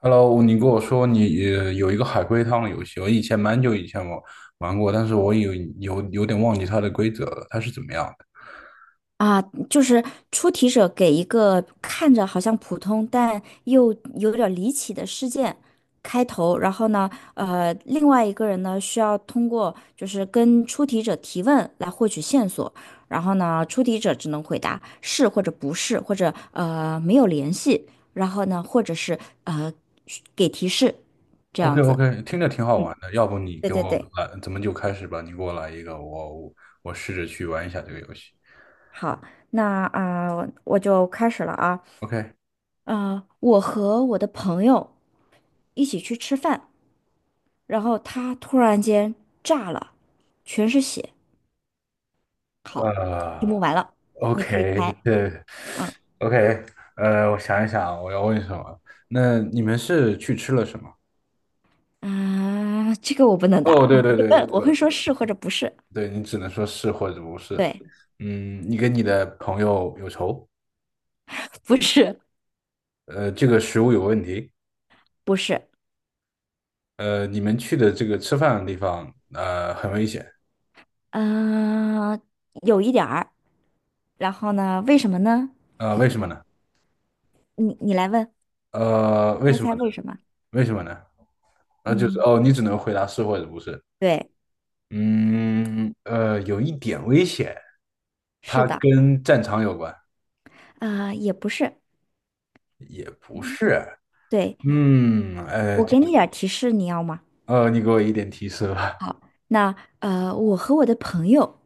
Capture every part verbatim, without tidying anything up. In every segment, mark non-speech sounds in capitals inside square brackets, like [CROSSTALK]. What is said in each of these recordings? Hello，你跟我说你呃有一个海龟汤的游戏，我以前蛮久以前我玩过，但是我有有有点忘记它的规则了，它是怎么样的啊，就是出题者给一个看着好像普通但又有点儿离奇的事件开头，然后呢，呃，另外一个人呢需要通过就是跟出题者提问来获取线索，然后呢，出题者只能回答是或者不是，或者呃没有联系，然后呢，或者是呃给提示这？OK 样子。OK，听着挺好嗯，玩的，要不你对给对我对，来，咱们就开始吧，你给我来一个，我我我试着去玩一下这个游戏。好，那啊，我就开始了啊。OK，啊、呃我和我的朋友一起去吃饭，然后他突然间炸了，全是血，就呃目完了，你可以，OK，猜，对嗯，OK，呃，我想一想啊，我要问什么？那你们是去吃了什么？啊，这个我不能答，哦，你对可对以对，问，我这会个。说是或者不是，对你只能说是或者不是。对，嗯，你跟你的朋友有仇，不是，呃，这个食物有问题，不是，呃，你们去的这个吃饭的地方，呃，很危险，嗯、有一点儿，然后呢，为什么呢？呃，为什么呢？你你来问，呃，为猜什么猜呢？为什么？为什么呢？啊，就是嗯，哦，你只能回答是或者不是。对，嗯，呃，有一点危险，是它的，跟战场有关。啊、也不是，对，嗯，呃，我这给就你点儿提示，你要吗？呃，你给我一点提示吧。好，那呃，我和我的朋友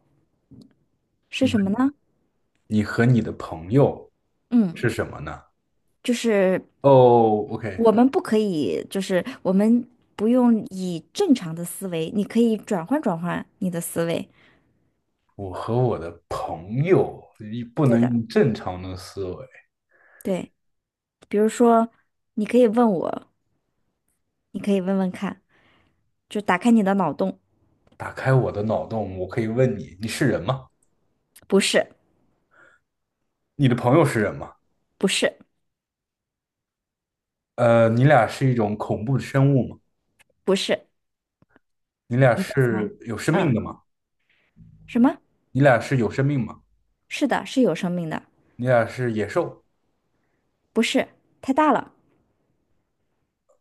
是什么你呢？你和你的朋友是嗯。什么呢？就是哦，OK,我们不可以，就是我们不用以正常的思维，你可以转换转换你的思维。我和我的朋友一不对能的，用正常的思维。对，比如说，你可以问我，你可以问问看，就打开你的脑洞，打开我的脑洞，我可以问你，你是人吗？不是，你的朋友是人吗？不是，呃，你俩是一种恐怖的生物吗？不是，你俩你再猜，是有生命的嗯，吗？什么？你俩是有生命吗？是的，是有生命的，你俩是野兽？不是，太大了，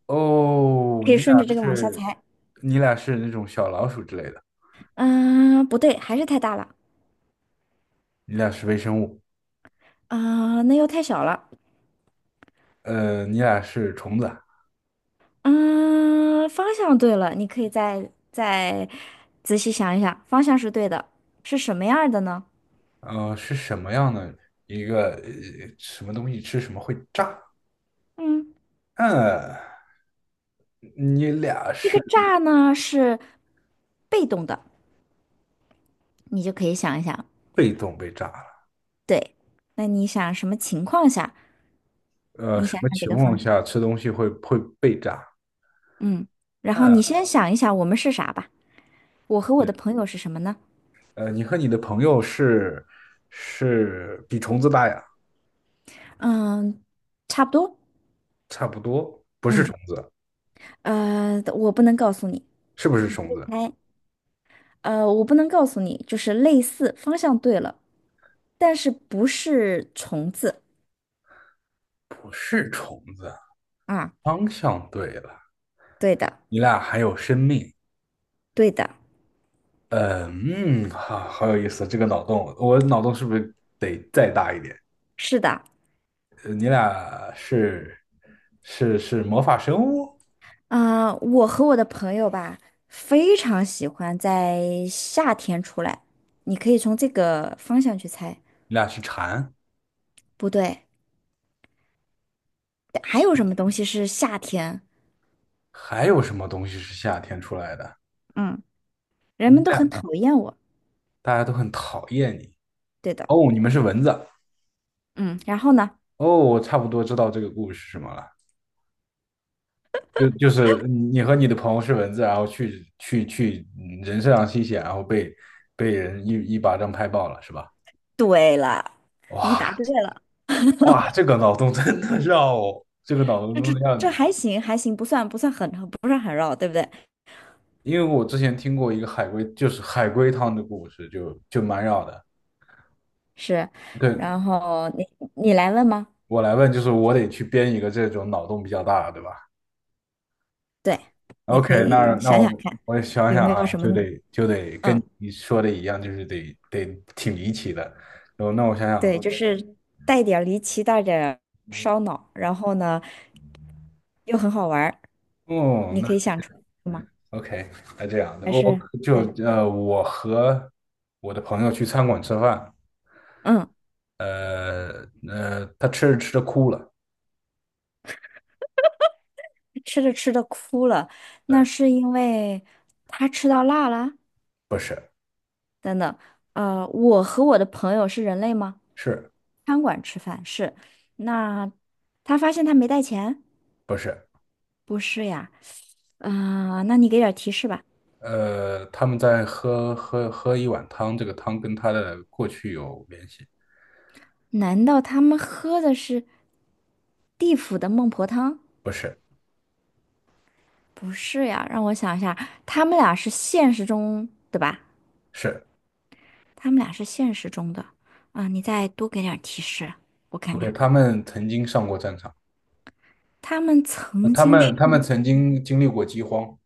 哦，可你以俩顺着这个往下是，猜，你俩是那种小老鼠之类的，嗯、不对，还是太大了，你俩是微生物，啊、那又太小了。呃，你俩是虫子啊，嗯，方向对了，你可以再再仔细想一想，方向是对的，是什么样儿的呢？呃，是什么样的一个，呃，什么东西吃什么会炸？嗯，嗯。你俩这个是炸呢是被动的，你就可以想一想，被动被炸了，对，那你想什么情况下？呃，你什想么想这情个况方向，下吃东西会会被炸？嗯，然后你嗯，先想一想我们是啥吧，我和我对，的朋友是什么呢？呃，你和你的朋友是是比虫子大呀，嗯，差不多，差不多，不是嗯，虫子，呃，我不能告诉你，是不是虫子？哎，呃，我不能告诉你，就是类似，方向对了。但是不是虫子不是虫子，啊？方向对了，对的，你俩还有生命。对的，呃嗯，好，好有意思，这个脑洞，我脑洞是不是得再大一点？是的。呃你俩是是是魔法生物？啊、我和我的朋友吧，非常喜欢在夏天出来。你可以从这个方向去猜。你俩是蝉？不对，还有什么东西是夏天？还有什么东西是夏天出来的？嗯，人你们们都很俩讨厌我。大家都很讨厌你。对的，哦，你们是蚊子。嗯。然后呢？哦，我差不多知道这个故事是什么了。就就是你和你的朋友是蚊子，然后去去去嗯人身上吸血，然后被被人一一巴掌拍爆了，是吧？对了，你哇，答对了。哇，这个脑洞真的绕，我，这个脑洞这真这让这你，还行，还行，不算不算很不是很绕，对不对？因为我之前听过一个海龟，就是海龟汤的故事，就就蛮绕的。是。对，然后你你来问吗？我来问，就是我得去编一个这种脑洞比较大的，对吧？对，你可 OK,那以那想想我看，我想有想没有啊，什么，就得就得跟嗯，你说的一样，就是得得挺离奇的。然后那我想对，想，好就的是带点儿离奇，带点儿烧脑，然后呢又很好玩儿，哦，你那 可以想出来吗？OK,那这样的，还我是就对，呃，我和我的朋友去餐馆吃饭，嗯，呃呃，他吃着吃着哭了，吃着吃着哭了，那对，是因为他吃到辣了。不是，等等，呃，我和我的朋友是人类吗？是餐馆吃饭是，那他发现他没带钱，不是？不是呀，啊、那你给点儿提示吧。呃，他们在喝喝喝一碗汤，这个汤跟他的过去有联系，难道他们喝的是地府的孟婆汤？不是，不是呀，让我想一下，他们俩是现实中，对吧？是 他们俩是现实中的啊，你再多给点儿提示，我看 OK,看，他们曾经上过战场。他们呃曾他经是们他们曾经经历过饥荒，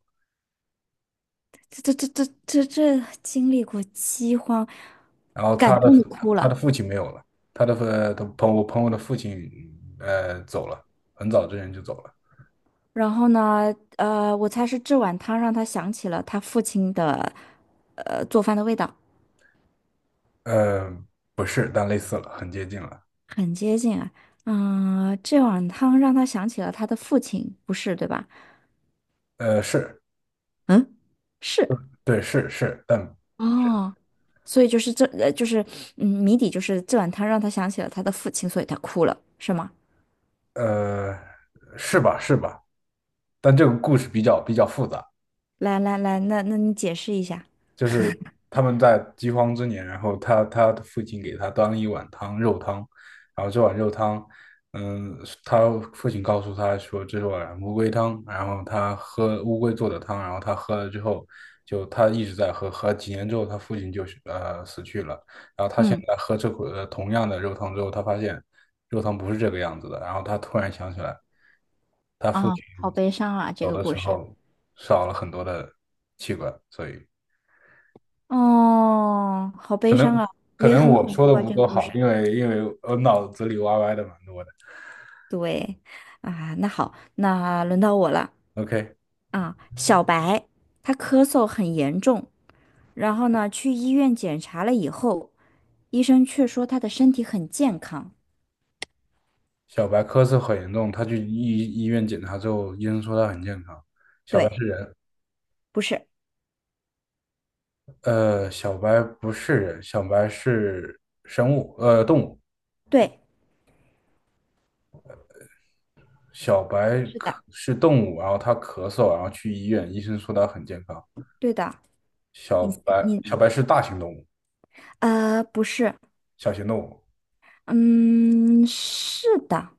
这这这这这这经历过饥荒，然后感他的动的嗯哭他的了。父亲没有了，他的父他朋我朋友的父亲呃走了，很早之前就走了。然后呢，呃，我猜是这碗汤让他想起了他父亲的，呃，做饭的味道。呃，不是，但类似了，很接近了。很接近啊。嗯，这碗汤让他想起了他的父亲，不是，对吧？呃，是嗯，是对，是是，但哦，所以就是这，呃，就是嗯，谜底就是这碗汤让他想起了他的父亲，所以他哭了，是吗？呃是吧是吧，但这个故事比较比较复杂。来来来，那那你解释一下。就是他们在饥荒之年，然后他他的父亲给他端了一碗汤，肉汤，然后这碗肉汤，嗯，他父亲告诉他说这是碗乌龟汤，然后他喝乌龟做的汤，然后他喝了之后，就他一直在喝，喝几年之后他父亲就是呃死去了，然后他现嗯，在喝这口呃同样的肉汤之后，他发现肉汤不是这个样子的，然后他突然想起来，他父啊，亲好悲伤啊，这走个的故时事。候少了很多的器官，所以。哦，好悲伤啊，可也能很我恐说怖的啊，不这个够故好，事。因为因为我脑子里歪歪的蛮多的。对，啊，那好，那轮到我了 OK,啊。小白，他咳嗽很严重，然后呢，去医院检查了以后，医生却说他的身体很健康。小白咳嗽很严重，他去医医院检查之后，医生说他很健康。对，不是，呃，小白不是人，小白是生物，呃，动物。对，小白是咳的，是动物，然后他咳嗽，然后去医院，医生说他很健康。对的。小你白小你白是大型动物，呃，不是，小型动物。嗯，是的。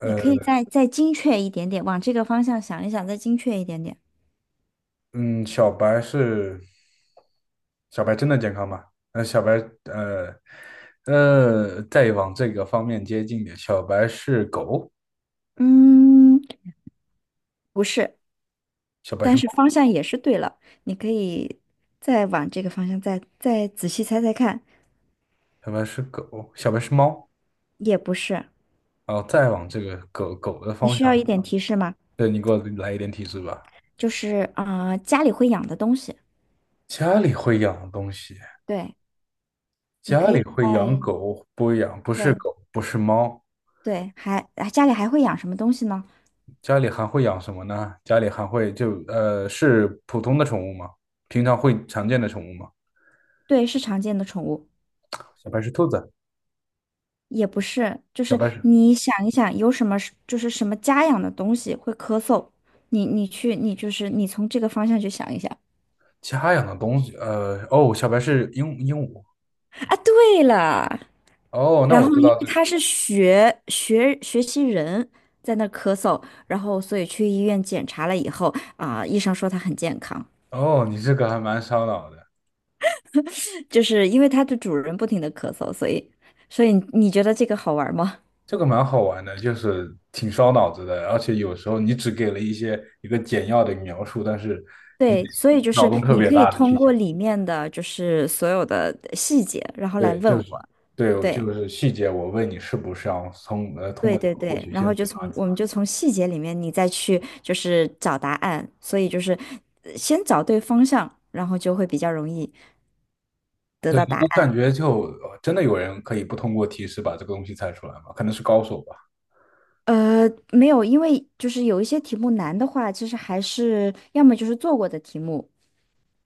你可以呃。再再精确一点点，往这个方向想一想，再精确一点点。嗯，小白是小白真的健康吗？呃，小白，呃，呃，再往这个方面接近点，小白是狗，嗯，不是，小白是但是猫，方向也是对了。你可以再往这个方向再再仔细猜猜看，小白是狗，小白是猫，也不是。然后再往这个狗狗的你方需要一向，点提示吗？对，你给我来一点提示吧。就是啊、呃家里会养的东西。家里会养的东西，对。你家可里以会养在狗，不养，不是对狗，不是猫，对，还啊家里还会养什么东西呢？家里还会养什么呢？家里还会就呃，是普通的宠物吗？平常会常见的宠物吗？对，是常见的宠物，小白是兔子，也不是，就小是白是你想一想，有什么是就是什么家养的东西会咳嗽，你你去你就是你从这个方向去想一想家养的东西，呃，哦，小白是鹦鹦鹉，啊。对了，哦，那然我后知因道为这个，他是学学学习人在那咳嗽，然后所以去医院检查了以后啊、医生说他很健康，哦，你这个还蛮烧脑的，就是因为它的主人不停的咳嗽，所以所以你觉得这个好玩吗？这个蛮好玩的，就是挺烧脑子的，而且有时候你只给了一些一个简要的描述，但是你对，所以就脑是洞特你别可以大的通去过想，里面的就是所有的呃细节，然后来对，问就是我。对，我就对，是细节，我问你是不是要从呃通对过这对个获对，取然后线索就啊？从我们就从细节里面你再去就是找答案，所以就是呃先找对方向，然后就会比较容易得对，到答我案。感觉就呃真的有人可以不通过提示把这个东西猜出来吗？可能是高手吧。呃，没有，因为就是有一些题目难的话，其实还是要么就是做过的题目，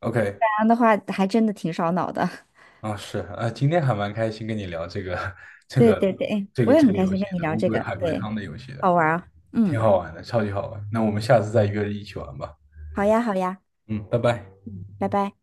OK。难的话还真的挺烧脑的。[LAUGHS] 啊、是啊、呃今天还蛮开心跟你聊这个 [LAUGHS] 这对个对对，哎这我个也这很个开游心戏跟你的聊乌这龟个，海龟对，汤的游戏的，好玩儿啊。挺嗯，好玩的，超级好玩。那我们下次再约着一起玩吧。好呀好呀，嗯，拜拜。拜拜。